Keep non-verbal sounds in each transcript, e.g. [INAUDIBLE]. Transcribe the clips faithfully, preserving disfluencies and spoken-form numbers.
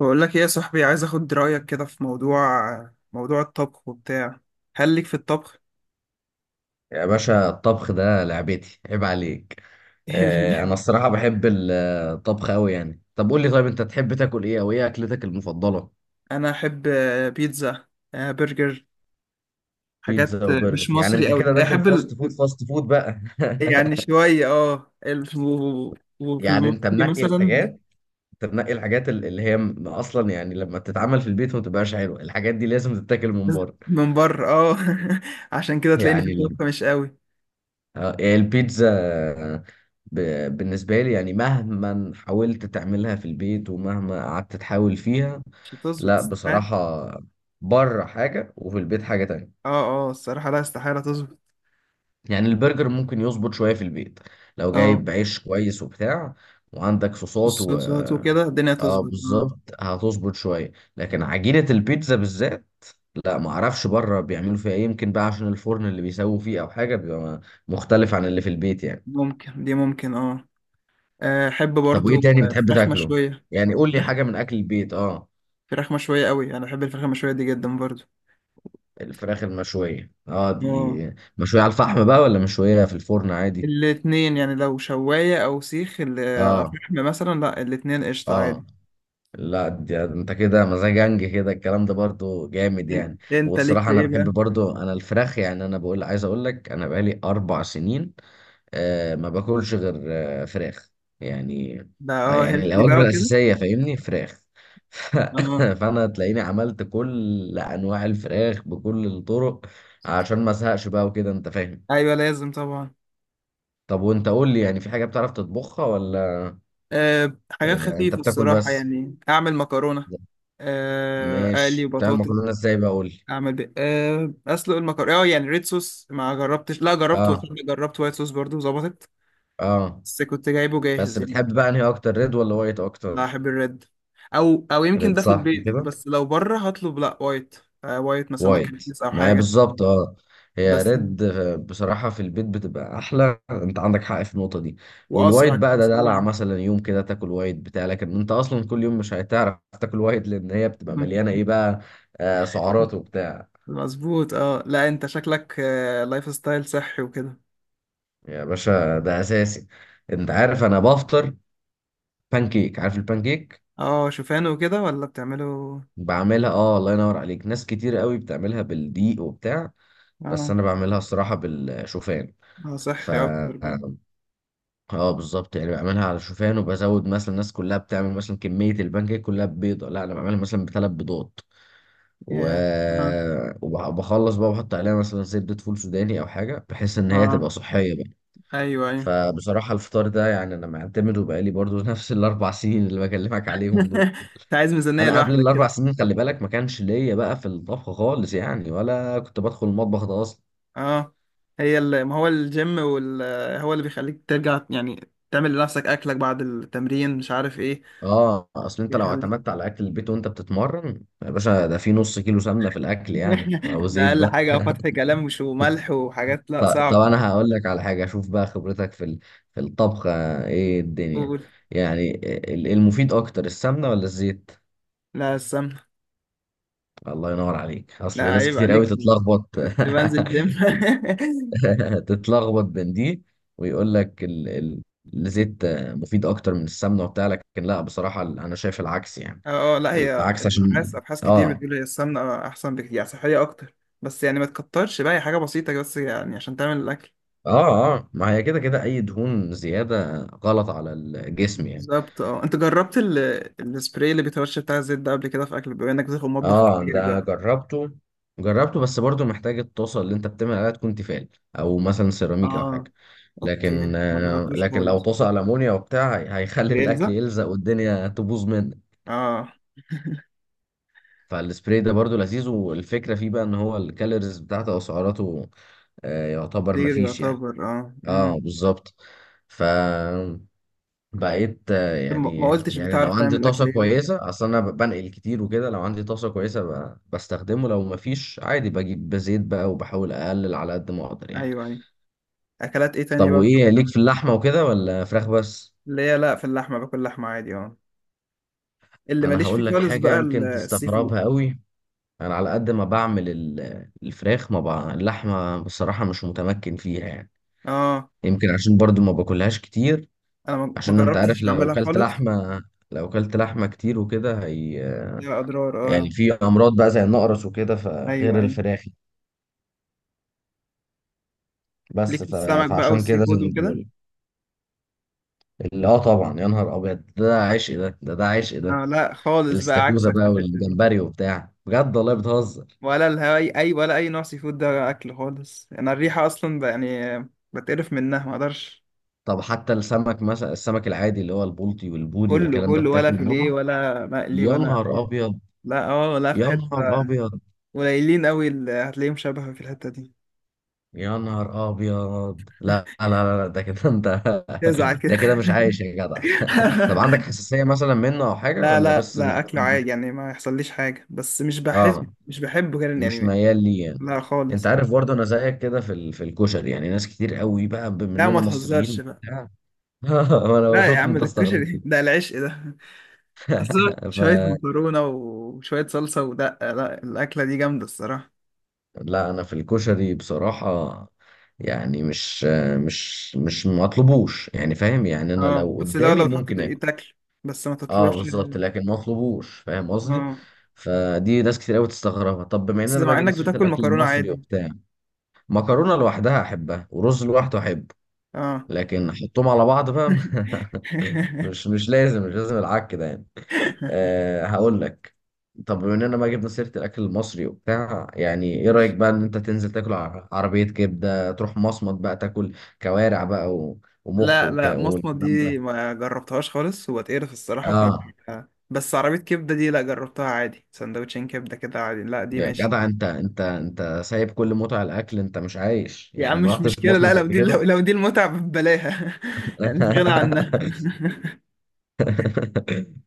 بقول لك ايه يا صاحبي، عايز اخد رايك كده في موضوع موضوع الطبخ وبتاع. هل ليك في الطبخ؟ يا باشا الطبخ ده لعبتي، عيب عليك. آه، انا [LAUGHS] الصراحة بحب ال- الطبخ قوي، يعني. طب قول لي، طيب انت تحب تاكل ايه او ايه اكلتك المفضلة؟ انا احب، آه، بيتزا، آه، برجر، بيتزا حاجات آه، مش وبرجر، يعني مصري انت قوي. كده داخل احب ال... فاست فود فاست فود بقى [LAUGHS] يعني شويه، اه ال... و- وفي يعني انت المصري منقي مثلا. الحاجات انت منقي الحاجات ال- اللي هي م- اصلا، يعني لما بتتعمل في البيت ما بتبقاش حلوه، الحاجات دي لازم تتاكل من بس بره. من بره. اه [LAUGHS] عشان كده تلاقيني في يعني ال- الطبخ مش قوي. آه، البيتزا، ب- بالنسبة لي يعني مهما حاولت تعملها في البيت ومهما قعدت تحاول فيها، مش هتظبط، لا استحاله. بصراحة، بره حاجة وفي البيت حاجة تانية. اه اه، الصراحه لا، استحاله تظبط. يعني البرجر ممكن يظبط شوية في البيت لو اه، جايب عيش كويس وبتاع، وعندك صوصات و الصوصات وكده الدنيا اه تظبط. اه، بالظبط هتظبط شوية. لكن عجينة البيتزا بالذات، لا ما اعرفش بره بيعملوا فيها ايه، يمكن بقى عشان الفرن اللي بيسووا فيه او حاجة، بيبقى مختلف عن اللي في البيت يعني. ممكن دي، ممكن. اه آه، احب طب برضو، وايه تاني آه، بتحب فراخ تاكله؟ مشويه. يعني قول لي حاجة من اكل البيت. اه، فراخ مشويه قوي، انا بحب الفراخ المشويه دي جدا برضو. الفراخ المشوية، اه اه، دي مشوية على الفحم بقى ولا مشوية في الفرن عادي؟ الاتنين يعني، لو شوايه او سيخ ال- آه، اه فحم مثلا. لا، الاتنين قشطه اه، عادي. لا دي انت كده مزاجنج، كده الكلام ده برضو جامد إن- يعني. انت ليك والصراحة في انا ايه بحب بقى؟ برضو، انا الفراخ يعني، انا بقول عايز اقول لك، انا بقالي اربع سنين آه ما باكلش غير آه فراخ يعني. ده آه اه يعني هيلثي بقى الوجبة وكده. الاساسية فاهمني، فراخ [LAUGHS] ف- اه، فانا تلاقيني عملت كل انواع الفراخ بكل الطرق عشان ما ازهقش بقى، وكده انت فاهم. ايوه لازم طبعا. طب وانت قول لي، يعني في حاجة بتعرف تطبخها ولا أه حاجات يعني انت خفيفه بتاكل الصراحه، بس؟ يعني اعمل مكرونه، آه، اقلي ماشي، بتعمل بطاطا. مكرونة ازاي بقى؟ قول لي. اعمل بي... أه اسلق المكرونه. اه يعني ريد صوص، ما جربتش. لا جربت، وصدق اه جربت وايت صوص برضو ظبطت. اه، بس كنت جايبه بس جاهز يعني. بتحب بقى انهي اكتر، ريد ولا وايت لا، اكتر؟ احب الريد. او او يمكن ريد ده في صح البيت، كده؟ بس لو بره هطلب لا، وايت. آه، وايت مثلا مكان وايت كيس او معايا حاجه بالظبط، اه. هي بس. ريد. بصراحة في البيت بتبقى احلى، انت عندك حق في النقطة دي. والوايت واسرع بقى كده، ده دلع، سريع. مثلا يوم كده تاكل وايت بتاع لكن انت اصلا كل يوم مش هتعرف تاكل وايت لان هي بتبقى مليانة ايه [LAUGHS] بقى؟ آه سعرات وبتاع. مظبوط. اه لا، انت شكلك آه لايف ستايل صحي وكده. يا باشا ده اساسي، انت عارف انا بفطر بانكيك، عارف البانكيك؟ اه، شوفان وكده ولا بتعمله؟ بعملها اه، الله ينور عليك، ناس كتير قوي بتعملها بالدقيق وبتاع، بس اه انا بعملها الصراحه بالشوفان. اه ف صحي اكتر بقى. اه بالظبط، يعني بعملها على شوفان وبزود، مثلا الناس كلها بتعمل مثلا كميه البانكيك كلها ببيضه، لا انا بعملها مثلا بثلاث بيضات و... ياه. اه وبخلص بقى بحط عليها مثلا زبده فول سوداني او حاجه، بحيث ان هي تبقى اه صحيه بقى. ايوه ايوه. فبصراحة الفطار ده يعني، أنا معتمده بقالي برضو [LAUGHS] نفس الأربع سنين اللي بكلمك عليهم دول. [LAUGHS] انت عايز ميزانيه أنا قبل لوحدك الأربع كده؟ سنين خلي بالك ما كانش ليا بقى في الطبخ خالص يعني، ولا كنت بدخل المطبخ ده أصلا. اه، هي ال... ما هو الجيم وال... هو اللي بيخليك ترجع يعني، تعمل لنفسك اكلك بعد التمرين، مش عارف ايه. اه، اصل انت لو بيخليك. اعتمدت على اكل البيت وانت بتتمرن يا باشا، ده في نص كيلو سمنه في الاكل يعني، او [LAUGHS] ده زيت اقل بقى. حاجه، او فتح كلام مش وملح وحاجات. لا، ط- طب صعب. انا هقول لك على حاجه، اشوف بقى خبرتك في ال- في الطبخ. آه، ايه الدنيا قول. يعني، ال- المفيد اكتر، السمنه ولا الزيت؟ لا، السمنه. الله ينور عليك، اصل لا ناس عيب كتير قوي عليك، تتلخبط كنت بنزل جيم. [LAUGHS] [LAUGHS] تتلخبط بين دي، ويقول لك ال... ال... الزيت مفيد اكتر من السمنه وبتاع، لكن لا بصراحه انا شايف العكس يعني. [LAUGHS] اه آه، لا، هي العكس عشان الابحاث، ابحاث كتير اه بتقول هي السمنه احسن بكتير يعني، صحيه اكتر. بس يعني ما تكترش بقى، هي حاجه بسيطه بس يعني عشان تعمل الاكل. اه اه ما هي كده كده، اي دهون زياده غلط على الجسم يعني. بالظبط. اه، انت جربت ال... السبراي اللي بيترش بتاع الزيت ده قبل كده في اكل؟ بما انك بتدخل مطبخ اه كتير ده بقى. جربته، جربته بس برضو محتاج الطاسه اللي انت بتعمل عليها تكون تيفال، او مثلا سيراميك او اه، حاجه. اوكي. لكن ما آه جربتوش لكن لو خالص. طاسه المونيا وبتاع هيخلي الاكل بيلزق. يلزق والدنيا تبوظ منك. اه. [LAUGHS] فالسبراي ده برضو لذيذ، والفكرة فيه بقى ان هو الكالوريز بتاعته او سعراته آه، يعتبر زيرو مفيش يعني. يعتبر. اه امم اه بالظبط. فبقيت، آه، طب، ما يعني ما قلتش يعني لو بتعرف عندي تعمل اكل طاسة ايه؟ كويسة، اصل انا بنقل كتير وكده، لو عندي طاسة كويسة ب- بستخدمه، لو مفيش عادي بجيب بزيت بقى وبحاول اقلل على قد ما اقدر يعني. ايوه، ايوه. اكلات ايه طب تانية بقى بتعرف وايه ليك في تعمل؟ اللحمة وكده، ولا فراخ بس؟ اللي هي لا، في اللحمه باكل لحمه عادي. اه. اللي انا ماليش فيه هقول لك خالص حاجة بقى ال- يمكن السي فود. تستغربها قوي، انا على قد ما بعمل ال- الفراخ ما بع... اللحمه بصراحه مش متمكن فيها يعني. اه، يمكن عشان برضو ما باكلهاش كتير، انا ما ما عشان انت عارف جربتش لو اعملها اكلت خالص. لحمه لو اكلت لحمه كتير وكده، هي يا اضرار. يعني اه، في امراض بقى زي النقرس وكده ايوه فغير ايوه. الفراخ. ليك بس في ف... السمك بقى فعشان والسي كده زي فود ما وكده؟ بقول، اللي اه، طبعا يا نهار ابيض، ده عشق ده ده ده عشق ده. انا لا خالص بقى، الاستاكوزا عكسك بقى في الحتة دي. والجمبري وبتاع، بجد والله بتهزر؟ ولا الهواي، اي ولا اي نوع سي فود ده اكل خالص. انا الريحة اصلا، ب- يعني بتقرف منها، ما اقدرش. طب حتى السمك مثلا، السمك العادي اللي هو البلطي والبودي كله والكلام ده كله، ولا بتاكل فيليه منه؟ ولا مقلي يا ولا أي- نهار ابيض، لا. اه لا، في يا حتة نهار ابيض، قليلين قوي اللي هتلاقيهم شبه في الحتة دي. يا نهار ابيض، لا [LAUGHS] لا لا لا، ده كده انت [LAUGHS] تزعل كده. ده كده مش عايش يا جدع [LAUGHS] طب عندك [LAUGHS] حساسية مثلا منه او حاجة، لا ولا لا بس مش لا، اكله بتحب؟ عادي يعني، ما يحصليش حاجه، بس مش بحس، اه، مش بحبه كده مش يعني. ميال ليه يعني. لا انت خالص. عارف برضه انا زيك كده في ال... في الكشري، يعني ناس كتير قوي بقى بما لا ما اننا مصريين تهزرش بقى. وبتاع [LAUGHS] وانا لا يا شفت عم، انت ده استغربت الكشري ده العشق ده. أصل [LAUGHS] شوية فلا، مكرونة وشوية صلصة ودقة، لا الأكلة دي جامدة الصراحة. انا في الكشري بصراحة، يعني مش مش مش مطلبوش، يعني فاهم يعني، انا اه، لو بس لو قدامي لو اتحطت، ممكن، ايه تاكل؟ بس ما اه تطلعش. بالظبط، لكن ما اطلبوش فاهم قصدي. اه، فدي ناس كتير قوي تستغربها. طب بما بس اننا بقى مع جبنا انك سيره بتاكل الاكل مكرونة المصري عادي. وبتاع، مكرونه لوحدها احبها، ورز لوحده احبه، اه. لكن احطهم على بعض بقى [LAUGHS] مش [LAUGHS] مش لازم مش لازم العك ده يعني. أه هقول لك، طب بما اننا بقى جبنا سيره الاكل المصري وبتاع، يعني ايه رايك ماشي. بقى ان انت تنزل تاكل ع- عربيه كبده، تروح مصمت بقى تاكل كوارع بقى و- ومخ لا وك- لا، مصمت والكلام دي ده؟ ما جربتهاش خالص، وبتقرف الصراحة. ف اه بس عربية كبدة دي لا، جربتها عادي. سندوتشين كبدة كده عادي، لا دي يا ماشي. جدع، انت انت انت سايب كل متع الاكل، انت مش عايش يا يعني، عم ما مش رحتش مشكلة. لا مصمت لو قبل دي، كده لو, لو دي المتعة ببلاها. [LAUGHS] يعني مش غنى عنها. [LAUGHS] [LAUGHS]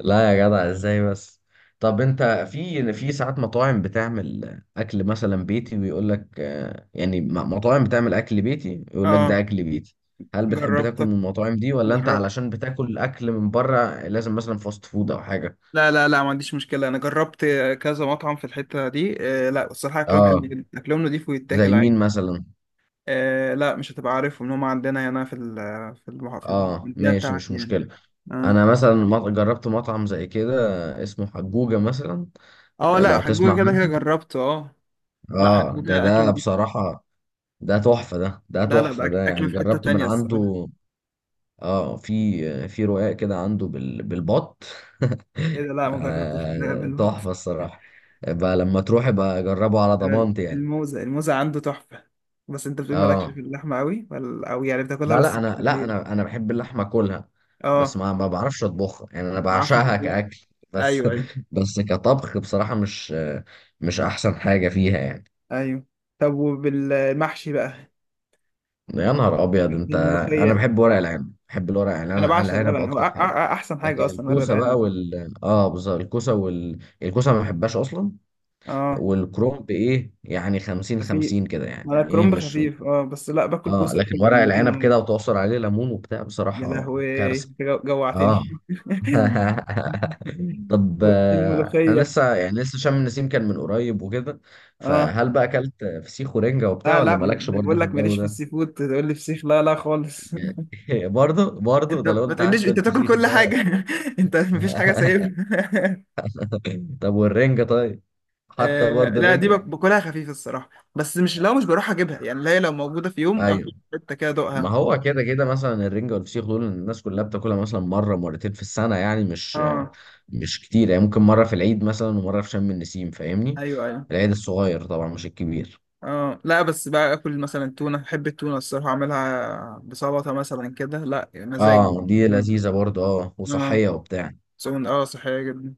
لا يا جدع ازاي بس. طب انت في في ساعات مطاعم بتعمل اكل مثلا بيتي، ويقول لك آه يعني، م- مطاعم بتعمل اكل بيتي يقول لك ده اه، اكل بيتي، هل بتحب تاكل جربتها من المطاعم دي، ولا انت جربت علشان بتاكل اكل من بره لازم مثلا فاست فود او حاجه؟ لا لا لا، ما عنديش مشكلة، أنا جربت كذا مطعم في الحتة دي. آه لا، الصراحة أكلهم حلو اه، جدا، أكلهم نضيف ويتاكل زي عادي. مين مثلا؟ آه لا، مش هتبقى عارفهم إن هم عندنا هنا في ال في المح... في اه المدينة ماشي، بتاعك مش يعني. مشكلة. آه. انا مثلا مط- جربت مطعم زي كده اسمه حجوجة مثلا، أه، آه، لا لو تسمع حجوجة كده عنه. كده جربته. أه لا، اه ده حجوجة أكل ده نضيف. بصراحة ده تحفة، ده ده لا لا، ده تحفة أك- ده أكل يعني، في حتة جربت من تانية الصراحة. عنده. اه في في رقاق كده عنده بال بالبط [LAUGHS] إيه ده؟ لا، ما جربتش الرقاب آه، الوقت. تحفة الصراحة. بقى لما تروح بقى جربه على أنا ضمانتي يعني. الموزة الموزة عنده تحفة. بس أنت بتقول مالكش اه في اللحمة أوي ولا أوي يعني، بتاكلها لا بس لا، مش انا، لا كتير؟ انا انا بحب اللحمه اكلها، بس أه ما ما بعرفش اطبخها يعني، انا ما تعرفش بعشقها تطبخ. كاكل بس أيوه، أيوه. [LAUGHS] بس كطبخ بصراحه مش مش احسن حاجه فيها يعني. ايوه. طب وبالمحشي بقى؟ يا نهار ابيض انت، انا الملوخيه. بحب ورق العنب، بحب الورق انا العنب بعشق الورق العنب العنب، هو اكتر أ- أ- أ- حاجه. احسن حاجه لكن اصلا ورق الكوسه بقى العنب. وال اه بالظبط الكوسه وال الكوسه ما بحبهاش اصلا. اه، والكرنب ايه يعني، 50 خفيف. 50 كده يعني، انا ايه كرنب مش خفيف، اه بس لا، باكل اه، كوسه، باكل لكن ورق العنب بتنجان. كده وتعصر عليه ليمون وبتاع، يا بصراحه لهوي كارثه أنت جو- اه جوعتني. [LAUGHS] [LAUGHS] طب، آه، انا والملوخيه. لسه يعني لسه شم النسيم كان من قريب وكده، اه، فهل بقى اكلت فسيخ ورنجة وبتاع، لا لا، ولا أنا مالكش برضه بقول في لك الجو ماليش في ده؟ السي فود تقول لي فسيخ؟ لا لا خالص. يعني [LAUGHS] [LAUGHS] برضه برضه، انت ده لو ما انت تقوليش حتى انت تاكل الفسيخ كل ده حاجه؟ [LAUGHS] انت مفيش حاجه [LAUGHS] سايبها. [LAUGHS] طب والرنجة طيب، حتى آه، برضه لا دي الرنجة، بك- باكلها خفيف الصراحة، بس مش، لو مش بروح اجيبها يعني. اللي هي لو موجودة في يوم، اخد ايوه حتة كده ما ادوقها. هو كده كده مثلا الرنجة والفسيخ دول الناس كلها بتاكلها مثلا مرة مرتين في السنة، يعني مش اه، مش كتير، يعني ممكن مرة في العيد مثلا ومرة في شم النسيم، فاهمني؟ ايوه ايوه. العيد الصغير طبعا مش الكبير. اه، لا بس بقى اكل مثلا تونة. بحب التونة الصراحة، اعملها بسلطة مثلا كده. لا، مزاج اه دي بالتونة. لذيذة برضه، اه اه، وصحية وبتاع. تونة اه صحية جدا.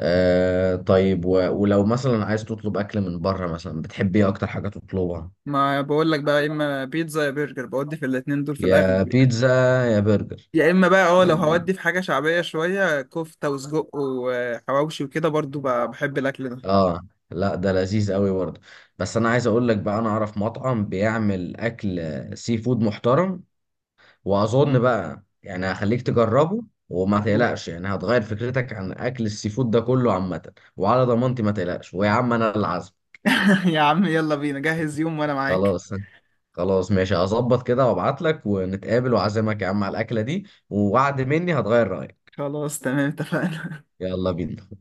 آه طيب، و... ولو مثلا عايز تطلب اكل من بره، مثلا بتحب ايه اكتر حاجه تطلبها؟ ما بقول لك بقى، يا اما بيتزا يا برجر، بودي في الاتنين دول في يا الاغلب يعني. بيتزا يا برجر، يا اما بقى اه لو ما- هودي في حاجة شعبية شوية، كفتة وسجق وحواوشي وكده، برضو ب- بحب الاكل ده. اه لا ده لذيذ قوي برضه. بس انا عايز اقول لك بقى، انا اعرف مطعم بيعمل اكل، آه، سي فود محترم، واظن مم. بقى يعني هخليك تجربه، وما تقلقش يعني هتغير فكرتك عن اكل السي فود ده كله عامه، وعلى ضمانتي ما تقلقش، ويا عم انا العزم. يا عم يلا بينا، جهز يوم وانا معاك. خلاص [LAUGHS] خلاص ماشي، هظبط كده وابعت لك ونتقابل واعزمك يا عم على الاكله دي، ووعد مني هتغير رايك. خلاص تمام، اتفقنا. يلا بينا.